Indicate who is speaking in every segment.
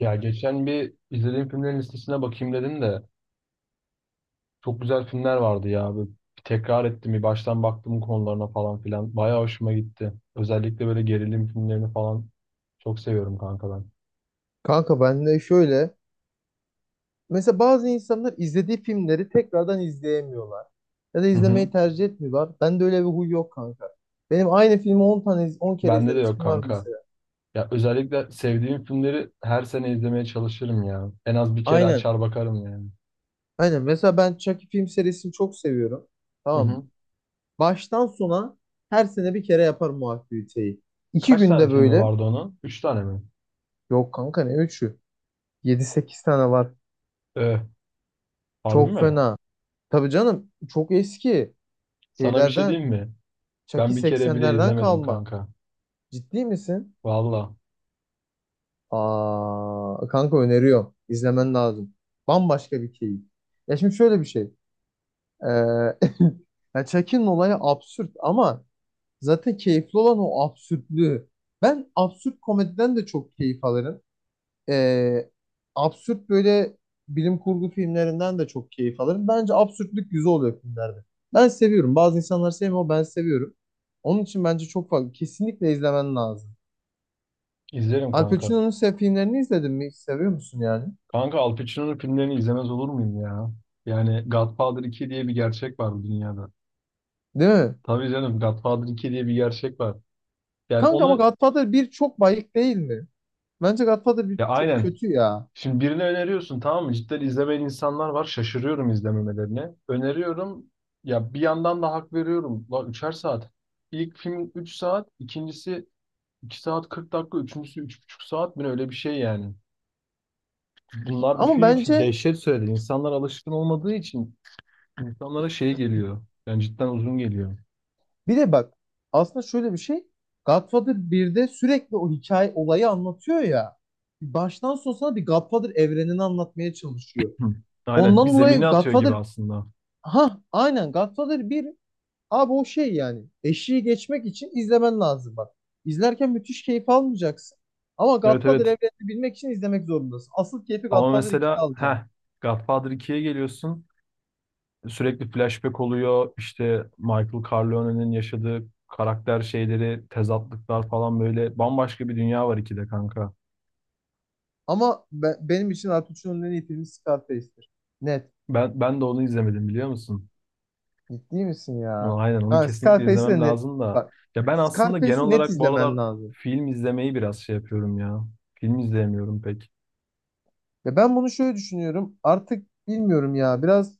Speaker 1: Ya geçen bir izlediğim filmlerin listesine bakayım dedim de çok güzel filmler vardı ya. Böyle bir tekrar ettim bir baştan baktım konularına falan filan. Bayağı hoşuma gitti. Özellikle böyle gerilim filmlerini falan çok seviyorum kanka ben.
Speaker 2: Kanka ben de şöyle. Mesela bazı insanlar izlediği filmleri tekrardan izleyemiyorlar. Ya da
Speaker 1: Hı hı.
Speaker 2: izlemeyi tercih etmiyorlar. Ben de öyle bir huy yok kanka. Benim aynı filmi 10 tane 10 kere
Speaker 1: Bende de yok
Speaker 2: izlemiştim var
Speaker 1: kanka.
Speaker 2: mesela.
Speaker 1: Ya özellikle sevdiğim filmleri her sene izlemeye çalışırım ya. En az bir kere
Speaker 2: Aynen.
Speaker 1: açar bakarım yani.
Speaker 2: Aynen. Mesela ben Chucky film serisini çok seviyorum.
Speaker 1: Hı
Speaker 2: Tamam mı?
Speaker 1: hı.
Speaker 2: Baştan sona her sene bir kere yaparım o aktiviteyi. 2
Speaker 1: Kaç tane
Speaker 2: günde
Speaker 1: filmi
Speaker 2: böyle.
Speaker 1: vardı onun? Üç tane mi?
Speaker 2: Yok kanka ne üçü, yedi sekiz tane var.
Speaker 1: Ee, Harbi
Speaker 2: Çok
Speaker 1: mi?
Speaker 2: fena. Tabii canım, çok eski
Speaker 1: Sana bir şey
Speaker 2: şeylerden.
Speaker 1: diyeyim mi? Ben
Speaker 2: Chucky
Speaker 1: bir kere bile
Speaker 2: 80'lerden
Speaker 1: izlemedim
Speaker 2: kalma.
Speaker 1: kanka.
Speaker 2: Ciddi misin?
Speaker 1: Valla.
Speaker 2: Aa, kanka öneriyorum. İzlemen lazım. Bambaşka bir keyif. Ya şimdi şöyle bir şey. Ee, ya Chuck'in olayı absürt ama zaten keyifli olan o absürtlüğü. Ben absürt komediden de çok keyif alırım. Ee, absürt böyle bilim kurgu filmlerinden de çok keyif alırım. Bence absürtlük güzel oluyor filmlerde. Ben seviyorum. Bazı insanlar sevmiyor ama ben seviyorum. Onun için bence çok fazla. Kesinlikle izlemen lazım.
Speaker 1: İzlerim
Speaker 2: Al
Speaker 1: kanka.
Speaker 2: Pacino'nun sev filmlerini izledin mi? Seviyor musun yani?
Speaker 1: Kanka Al Pacino'nun filmlerini izlemez olur muyum ya? Yani Godfather 2 diye bir gerçek var bu dünyada.
Speaker 2: Değil mi?
Speaker 1: Tabii canım, Godfather 2 diye bir gerçek var. Yani
Speaker 2: Kanka ama
Speaker 1: onu,
Speaker 2: Godfather 1 çok bayık değil mi? Bence Godfather bir
Speaker 1: ya,
Speaker 2: çok
Speaker 1: aynen.
Speaker 2: kötü ya.
Speaker 1: Şimdi birini öneriyorsun, tamam mı? Cidden izlemeyen insanlar var. Şaşırıyorum izlememelerine. Öneriyorum. Ya bir yandan da hak veriyorum. La 3'er saat. İlk film 3 saat, ikincisi 2 saat 40 dakika, üçüncüsü 3,5 saat mi ne, öyle bir şey yani. Bunlar bir
Speaker 2: Ama
Speaker 1: film için
Speaker 2: bence
Speaker 1: dehşet söyledi. İnsanlar alışkın olmadığı için insanlara şey geliyor. Yani cidden uzun geliyor.
Speaker 2: bir de bak, aslında şöyle bir şey. Godfather 1'de sürekli o hikaye olayı anlatıyor ya. Baştan sona sana bir Godfather evrenini anlatmaya çalışıyor.
Speaker 1: Hı. Aynen, bir
Speaker 2: Ondan
Speaker 1: zemine
Speaker 2: dolayı
Speaker 1: atıyor gibi
Speaker 2: Godfather,
Speaker 1: aslında.
Speaker 2: ha aynen Godfather bir abi o şey yani. Eşiği geçmek için izlemen lazım bak. İzlerken müthiş keyif almayacaksın. Ama
Speaker 1: Evet,
Speaker 2: Godfather
Speaker 1: evet.
Speaker 2: evrenini bilmek için izlemek zorundasın. Asıl keyfi
Speaker 1: Ama
Speaker 2: Godfather 2'de
Speaker 1: mesela
Speaker 2: alacaksın.
Speaker 1: Godfather 2'ye geliyorsun. Sürekli flashback oluyor. İşte Michael Corleone'nin yaşadığı karakter şeyleri, tezatlıklar falan, böyle bambaşka bir dünya var 2'de kanka.
Speaker 2: Ama benim için Artuç'un en iyi filmi Scarface'tir. Net.
Speaker 1: Ben de onu izlemedim, biliyor musun?
Speaker 2: Ciddi misin
Speaker 1: Ama
Speaker 2: ya?
Speaker 1: aynen, onu
Speaker 2: Ha,
Speaker 1: kesinlikle
Speaker 2: Scarface'i
Speaker 1: izlemem
Speaker 2: de net.
Speaker 1: lazım da.
Speaker 2: Bak,
Speaker 1: Ya ben aslında genel
Speaker 2: Scarface'i net
Speaker 1: olarak bu aralar
Speaker 2: izlemen lazım.
Speaker 1: film izlemeyi biraz şey yapıyorum ya. Film izleyemiyorum pek.
Speaker 2: Ya ben bunu şöyle düşünüyorum. Artık bilmiyorum ya. Biraz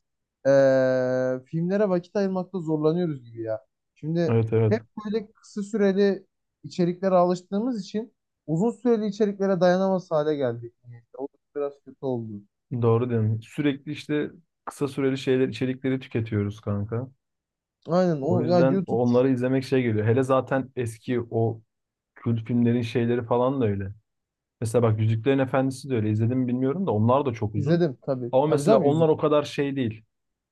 Speaker 2: filmlere vakit ayırmakta zorlanıyoruz gibi ya. Şimdi
Speaker 1: Evet, evet.
Speaker 2: hep böyle kısa süreli içeriklere alıştığımız için uzun süreli içeriklere dayanamaz hale geldik. O da biraz kötü oldu.
Speaker 1: Doğru diyorum. Sürekli işte kısa süreli şeyler, içerikleri tüketiyoruz kanka.
Speaker 2: Aynen
Speaker 1: O
Speaker 2: o ya,
Speaker 1: yüzden
Speaker 2: YouTube
Speaker 1: onları izlemek şey geliyor. Hele zaten eski o kült filmlerin şeyleri falan da öyle. Mesela bak, Yüzüklerin Efendisi de öyle. İzledim mi bilmiyorum da, onlar da çok uzun.
Speaker 2: izledim tabii.
Speaker 1: Ama
Speaker 2: Tabii
Speaker 1: mesela
Speaker 2: canım.
Speaker 1: onlar o kadar şey değil.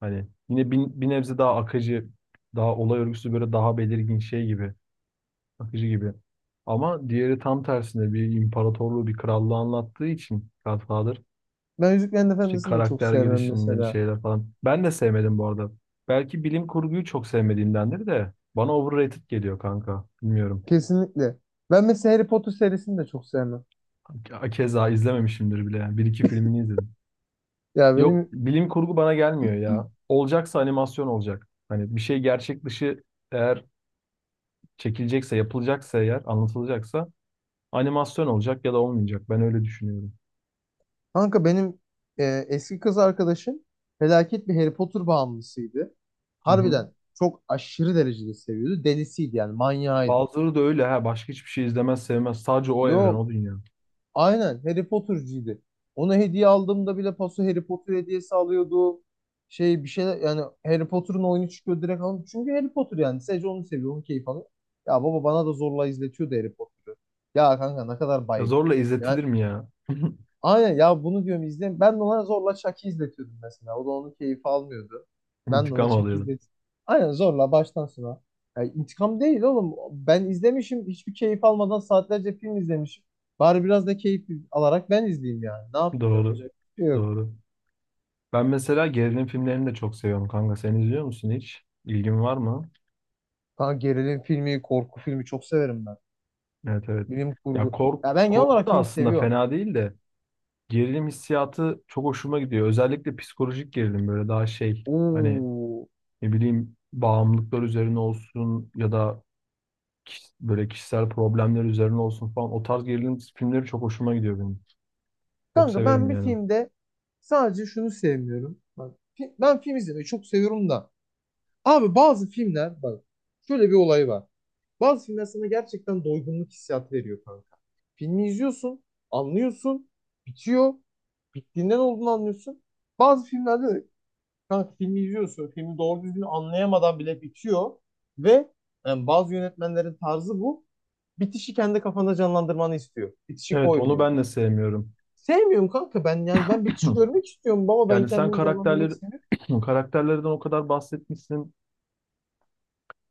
Speaker 1: Hani yine bir nebze daha akıcı, daha olay örgüsü böyle daha belirgin şey gibi, akıcı gibi. Ama diğeri tam tersine bir imparatorluğu, bir krallığı anlattığı için Godfather.
Speaker 2: Ben Yüzüklerin
Speaker 1: İşte
Speaker 2: Efendisi'ni de çok
Speaker 1: karakter
Speaker 2: sevmem
Speaker 1: gelişimleri,
Speaker 2: mesela.
Speaker 1: şeyler falan. Ben de sevmedim bu arada. Belki bilim kurguyu çok sevmediğimdendir de bana overrated geliyor kanka. Bilmiyorum.
Speaker 2: Kesinlikle. Ben mesela Harry Potter serisini de çok sevmem.
Speaker 1: Keza izlememişimdir bile yani. Bir iki filmini izledim.
Speaker 2: Ya
Speaker 1: Yok,
Speaker 2: benim
Speaker 1: bilim kurgu bana gelmiyor ya. Olacaksa animasyon olacak. Hani bir şey gerçek dışı eğer çekilecekse, yapılacaksa eğer, anlatılacaksa animasyon olacak ya da olmayacak. Ben öyle düşünüyorum.
Speaker 2: kanka benim e, eski kız arkadaşım felaket bir Harry Potter bağımlısıydı.
Speaker 1: Hı hı.
Speaker 2: Harbiden çok aşırı derecede seviyordu. Delisiydi yani, manyağıydı.
Speaker 1: Bazıları da öyle ha. Başka hiçbir şey izlemez, sevmez. Sadece o evren,
Speaker 2: Yo,
Speaker 1: o dünya.
Speaker 2: aynen Harry Potter'cıydı. Ona hediye aldığımda bile paso Harry Potter hediyesi alıyordu. Şey bir şeyler yani, Harry Potter'ın oyunu çıkıyor direkt alın. Çünkü Harry Potter yani, sadece onu seviyor, onu keyif alıyor. Ya baba, bana da zorla izletiyordu Harry Potter'ı. Ya kanka ne kadar
Speaker 1: Ya,
Speaker 2: bayık.
Speaker 1: zorla
Speaker 2: Yani
Speaker 1: izletilir mi ya?
Speaker 2: aynen ya, bunu diyorum izle. Ben de ona zorla Chuck'ı izletiyordum mesela. O da onun keyfi almıyordu. Ben de ona
Speaker 1: İntikam
Speaker 2: Chuck'ı
Speaker 1: alıyorum.
Speaker 2: izletiyordum. Aynen zorla baştan sona. Ya intikam değil oğlum. Ben izlemişim, hiçbir keyif almadan saatlerce film izlemişim. Bari biraz da keyif alarak ben izleyeyim yani. Ne yapayım,
Speaker 1: Doğru.
Speaker 2: yapacak bir şey yok.
Speaker 1: Doğru. Ben mesela gerilim filmlerini de çok seviyorum kanka. Sen izliyor musun hiç? İlgin var mı?
Speaker 2: Kanka gerilim filmi, korku filmi çok severim ben.
Speaker 1: Evet, evet.
Speaker 2: Bilim
Speaker 1: Ya
Speaker 2: kurgu. Ya ben genel
Speaker 1: korku
Speaker 2: olarak
Speaker 1: da
Speaker 2: film
Speaker 1: aslında
Speaker 2: seviyorum.
Speaker 1: fena değil de gerilim hissiyatı çok hoşuma gidiyor. Özellikle psikolojik gerilim, böyle daha şey, hani,
Speaker 2: Oo.
Speaker 1: ne bileyim, bağımlılıklar üzerine olsun ya da böyle kişisel problemler üzerine olsun falan, o tarz gerilim filmleri çok hoşuma gidiyor benim. Çok
Speaker 2: Kanka ben
Speaker 1: severim
Speaker 2: bir
Speaker 1: yani.
Speaker 2: filmde sadece şunu sevmiyorum. Bak, ben film izlemeyi çok seviyorum da. Abi bazı filmler bak, şöyle bir olay var. Bazı filmler sana gerçekten doygunluk hissiyatı veriyor kanka. Filmi izliyorsun, anlıyorsun, bitiyor. Bittiğinden olduğunu anlıyorsun. Bazı filmlerde de kanka filmi izliyorsun, filmi doğru düzgün anlayamadan bile bitiyor. Ve yani, bazı yönetmenlerin tarzı bu. Bitişi kendi kafanda canlandırmanı istiyor. Bitişi
Speaker 1: Evet, onu
Speaker 2: koymuyor.
Speaker 1: ben de sevmiyorum.
Speaker 2: Sevmiyorum kanka ben yani, ben bitişi görmek istiyorum baba, ben
Speaker 1: Yani sen
Speaker 2: kendimi canlandırmak
Speaker 1: karakterleri
Speaker 2: istemiyorum.
Speaker 1: karakterlerden o kadar bahsetmişsin,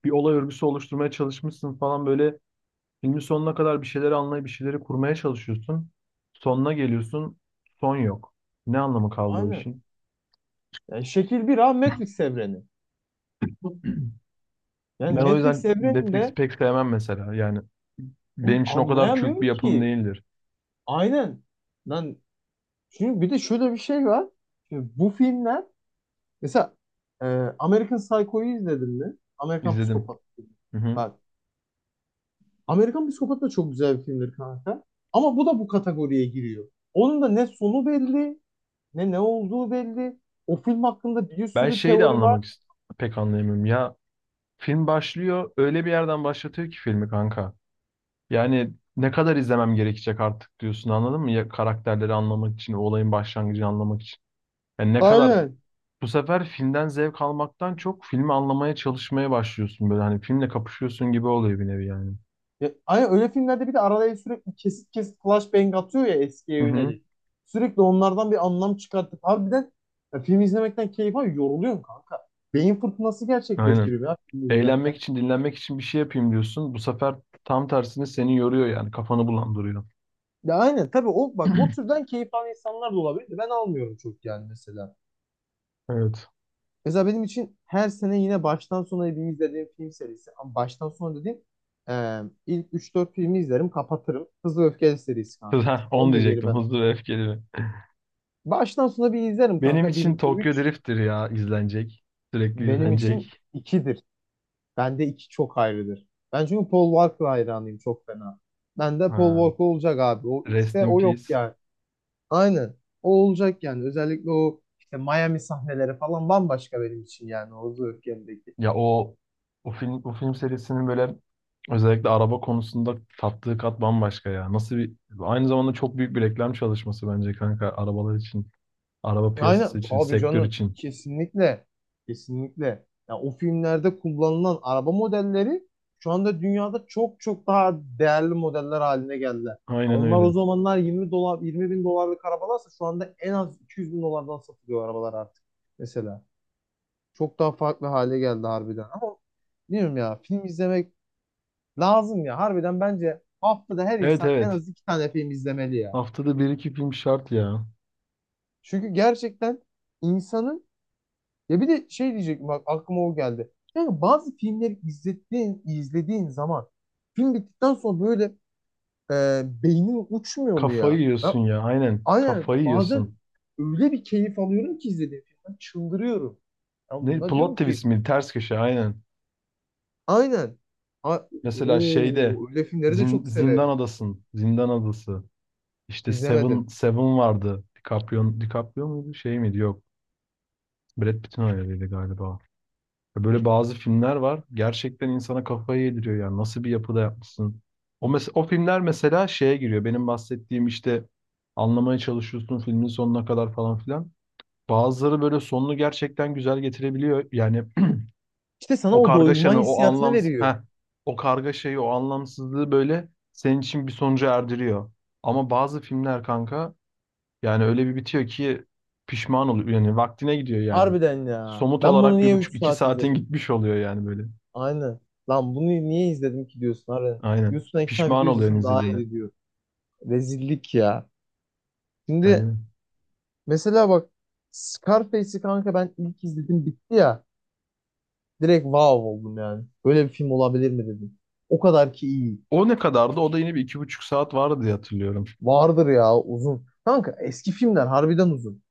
Speaker 1: bir olay örgüsü oluşturmaya çalışmışsın falan, böyle filmin sonuna kadar bir şeyleri anlayıp bir şeyleri kurmaya çalışıyorsun. Sonuna geliyorsun, son yok. Ne anlamı kaldı o
Speaker 2: Aynen.
Speaker 1: işin?
Speaker 2: Yani şekil bir ha Matrix evreni. Yani
Speaker 1: Ben o
Speaker 2: Matrix
Speaker 1: yüzden Matrix'i
Speaker 2: evreninde
Speaker 1: pek sevmem mesela. Yani
Speaker 2: oğlum
Speaker 1: benim için o kadar kült bir
Speaker 2: anlayamıyorum
Speaker 1: yapım
Speaker 2: ki.
Speaker 1: değildir.
Speaker 2: Aynen. Lan çünkü bir de şöyle bir şey var. Şimdi bu filmler mesela, e, American Psycho'yu izledin mi? Amerikan
Speaker 1: İzledim.
Speaker 2: Psikopat filmi.
Speaker 1: Hı hı.
Speaker 2: Bak, Amerikan Psikopat da çok güzel bir filmdir kanka. Ama bu da bu kategoriye giriyor. Onun da ne sonu belli, ne ne olduğu belli. O film hakkında bir
Speaker 1: Ben
Speaker 2: sürü
Speaker 1: şeyi de
Speaker 2: teori var.
Speaker 1: anlamak pek anlayamıyorum. Ya, film başlıyor, öyle bir yerden başlatıyor ki filmi kanka. Yani ne kadar izlemem gerekecek artık diyorsun, anladın mı? Ya, karakterleri anlamak için, o olayın başlangıcını anlamak için. Yani ne kadar
Speaker 2: Aynen.
Speaker 1: Bu sefer filmden zevk almaktan çok filmi anlamaya çalışmaya başlıyorsun, böyle hani filmle kapışıyorsun gibi oluyor, bir nevi yani.
Speaker 2: Ya aynen, öyle filmlerde bir de araya sürekli kesit kesit flashbang atıyor ya eskiye
Speaker 1: Hı hı.
Speaker 2: yönelik. Sürekli onlardan bir anlam çıkartıp harbiden ya, film izlemekten keyif alıyor. Yoruluyorsun kanka. Beyin fırtınası
Speaker 1: Aynen.
Speaker 2: gerçekleştiriyor ya film
Speaker 1: Eğlenmek
Speaker 2: izlerken.
Speaker 1: için, dinlenmek için bir şey yapayım diyorsun. Bu sefer tam tersini, seni yoruyor yani, kafanı bulandırıyor.
Speaker 2: Ya aynen tabii, o bak o türden keyif alan insanlar da olabilir de. Ben almıyorum çok yani mesela.
Speaker 1: Evet.
Speaker 2: Mesela benim için her sene yine baştan sona bir izlediğim film serisi. Ama baştan sona dediğim, e, ilk üç dört filmi izlerim kapatırım. Hızlı ve Öfkeli serisi kanka.
Speaker 1: Onu
Speaker 2: Onu da geri
Speaker 1: diyecektim,
Speaker 2: ben
Speaker 1: Hızlı ve Öfkeli mi?
Speaker 2: baştan sona bir izlerim
Speaker 1: Benim
Speaker 2: kanka. Bir
Speaker 1: için
Speaker 2: 2
Speaker 1: Tokyo
Speaker 2: üç.
Speaker 1: Drift'tir ya izlenecek. Sürekli
Speaker 2: Benim için
Speaker 1: izlenecek.
Speaker 2: ikidir. Bende iki çok ayrıdır. Ben çünkü Paul Walker hayranıyım çok fena. Ben de Paul
Speaker 1: Ha.
Speaker 2: Walker olacak abi. O
Speaker 1: Rest
Speaker 2: üçte
Speaker 1: in
Speaker 2: o yok
Speaker 1: Peace.
Speaker 2: yani. Aynen. O olacak yani. Özellikle o işte Miami sahneleri falan bambaşka benim için yani. O Zırh.
Speaker 1: Ya o film serisinin, böyle özellikle araba konusunda tattığı kat bambaşka ya. Nasıl bir Aynı zamanda çok büyük bir reklam çalışması bence kanka, arabalar için, araba piyasası
Speaker 2: Aynen
Speaker 1: için,
Speaker 2: tabii
Speaker 1: sektör
Speaker 2: canım.
Speaker 1: için.
Speaker 2: Kesinlikle. Kesinlikle. Ya o filmlerde kullanılan araba modelleri şu anda dünyada çok çok daha değerli modeller haline geldiler. Ya
Speaker 1: Aynen
Speaker 2: onlar
Speaker 1: öyle.
Speaker 2: o zamanlar 20 dolar, 20 bin dolarlık arabalarsa şu anda en az 200 bin dolardan satılıyor arabalar artık. Mesela. Çok daha farklı hale geldi harbiden. Ama bilmiyorum ya, film izlemek lazım ya. Harbiden bence haftada her
Speaker 1: Evet,
Speaker 2: insan en
Speaker 1: evet.
Speaker 2: az iki tane film izlemeli ya.
Speaker 1: Haftada bir iki film şart ya.
Speaker 2: Çünkü gerçekten insanın, ya bir de şey diyecektim bak, aklıma o geldi. Yani bazı filmleri izlediğin, izlediğin zaman film bittikten sonra böyle beynin uçmuyor mu
Speaker 1: Kafayı
Speaker 2: ya? Ben
Speaker 1: yiyorsun ya. Aynen.
Speaker 2: aynen
Speaker 1: Kafayı
Speaker 2: bazen
Speaker 1: yiyorsun.
Speaker 2: öyle bir keyif alıyorum ki izlediğim filmden çıldırıyorum. Ya
Speaker 1: Ne,
Speaker 2: bundan
Speaker 1: plot
Speaker 2: diyorum ki
Speaker 1: twist mi? Ters köşe, aynen.
Speaker 2: aynen. A.
Speaker 1: Mesela şeyde
Speaker 2: Oo, öyle filmleri de çok severim.
Speaker 1: Zindan Adası. İşte Seven
Speaker 2: İzlemedim.
Speaker 1: Seven vardı. DiCaprio muydu? Şey miydi? Yok. Brad Pitt'in hayaliydi galiba. Böyle bazı filmler var. Gerçekten insana kafayı yediriyor yani. Nasıl bir yapıda yapmışsın? O filmler mesela şeye giriyor. Benim bahsettiğim işte, anlamaya çalışıyorsun filmin sonuna kadar falan filan. Bazıları böyle sonunu gerçekten güzel getirebiliyor. Yani,
Speaker 2: İşte sana
Speaker 1: o
Speaker 2: o doygunma
Speaker 1: kargaşanı, o
Speaker 2: hissiyatını
Speaker 1: anlamsız,
Speaker 2: veriyor.
Speaker 1: heh, o kargaşayı, o anlamsızlığı böyle senin için bir sonuca erdiriyor. Ama bazı filmler kanka, yani öyle bir bitiyor ki pişman oluyor. Yani vaktine gidiyor yani.
Speaker 2: Harbiden ya.
Speaker 1: Somut
Speaker 2: Ben bunu
Speaker 1: olarak bir
Speaker 2: niye 3
Speaker 1: buçuk iki
Speaker 2: saat
Speaker 1: saatin
Speaker 2: izledim?
Speaker 1: gitmiş oluyor yani, böyle.
Speaker 2: Aynen. Lan bunu niye izledim ki diyorsun harbiden.
Speaker 1: Aynen.
Speaker 2: YouTube'dan iki tane
Speaker 1: Pişman
Speaker 2: video
Speaker 1: oluyorsun
Speaker 2: izlesen daha
Speaker 1: izlediğine.
Speaker 2: iyi diyor. Rezillik ya. Şimdi
Speaker 1: Aynen.
Speaker 2: mesela bak, Scarface'i kanka ben ilk izledim bitti ya. Direkt wow oldum yani. Böyle bir film olabilir mi dedim. O kadar ki iyi.
Speaker 1: O ne kadardı? O da yine bir 2,5 saat vardı diye hatırlıyorum.
Speaker 2: Vardır ya, uzun. Kanka eski filmler harbiden uzun.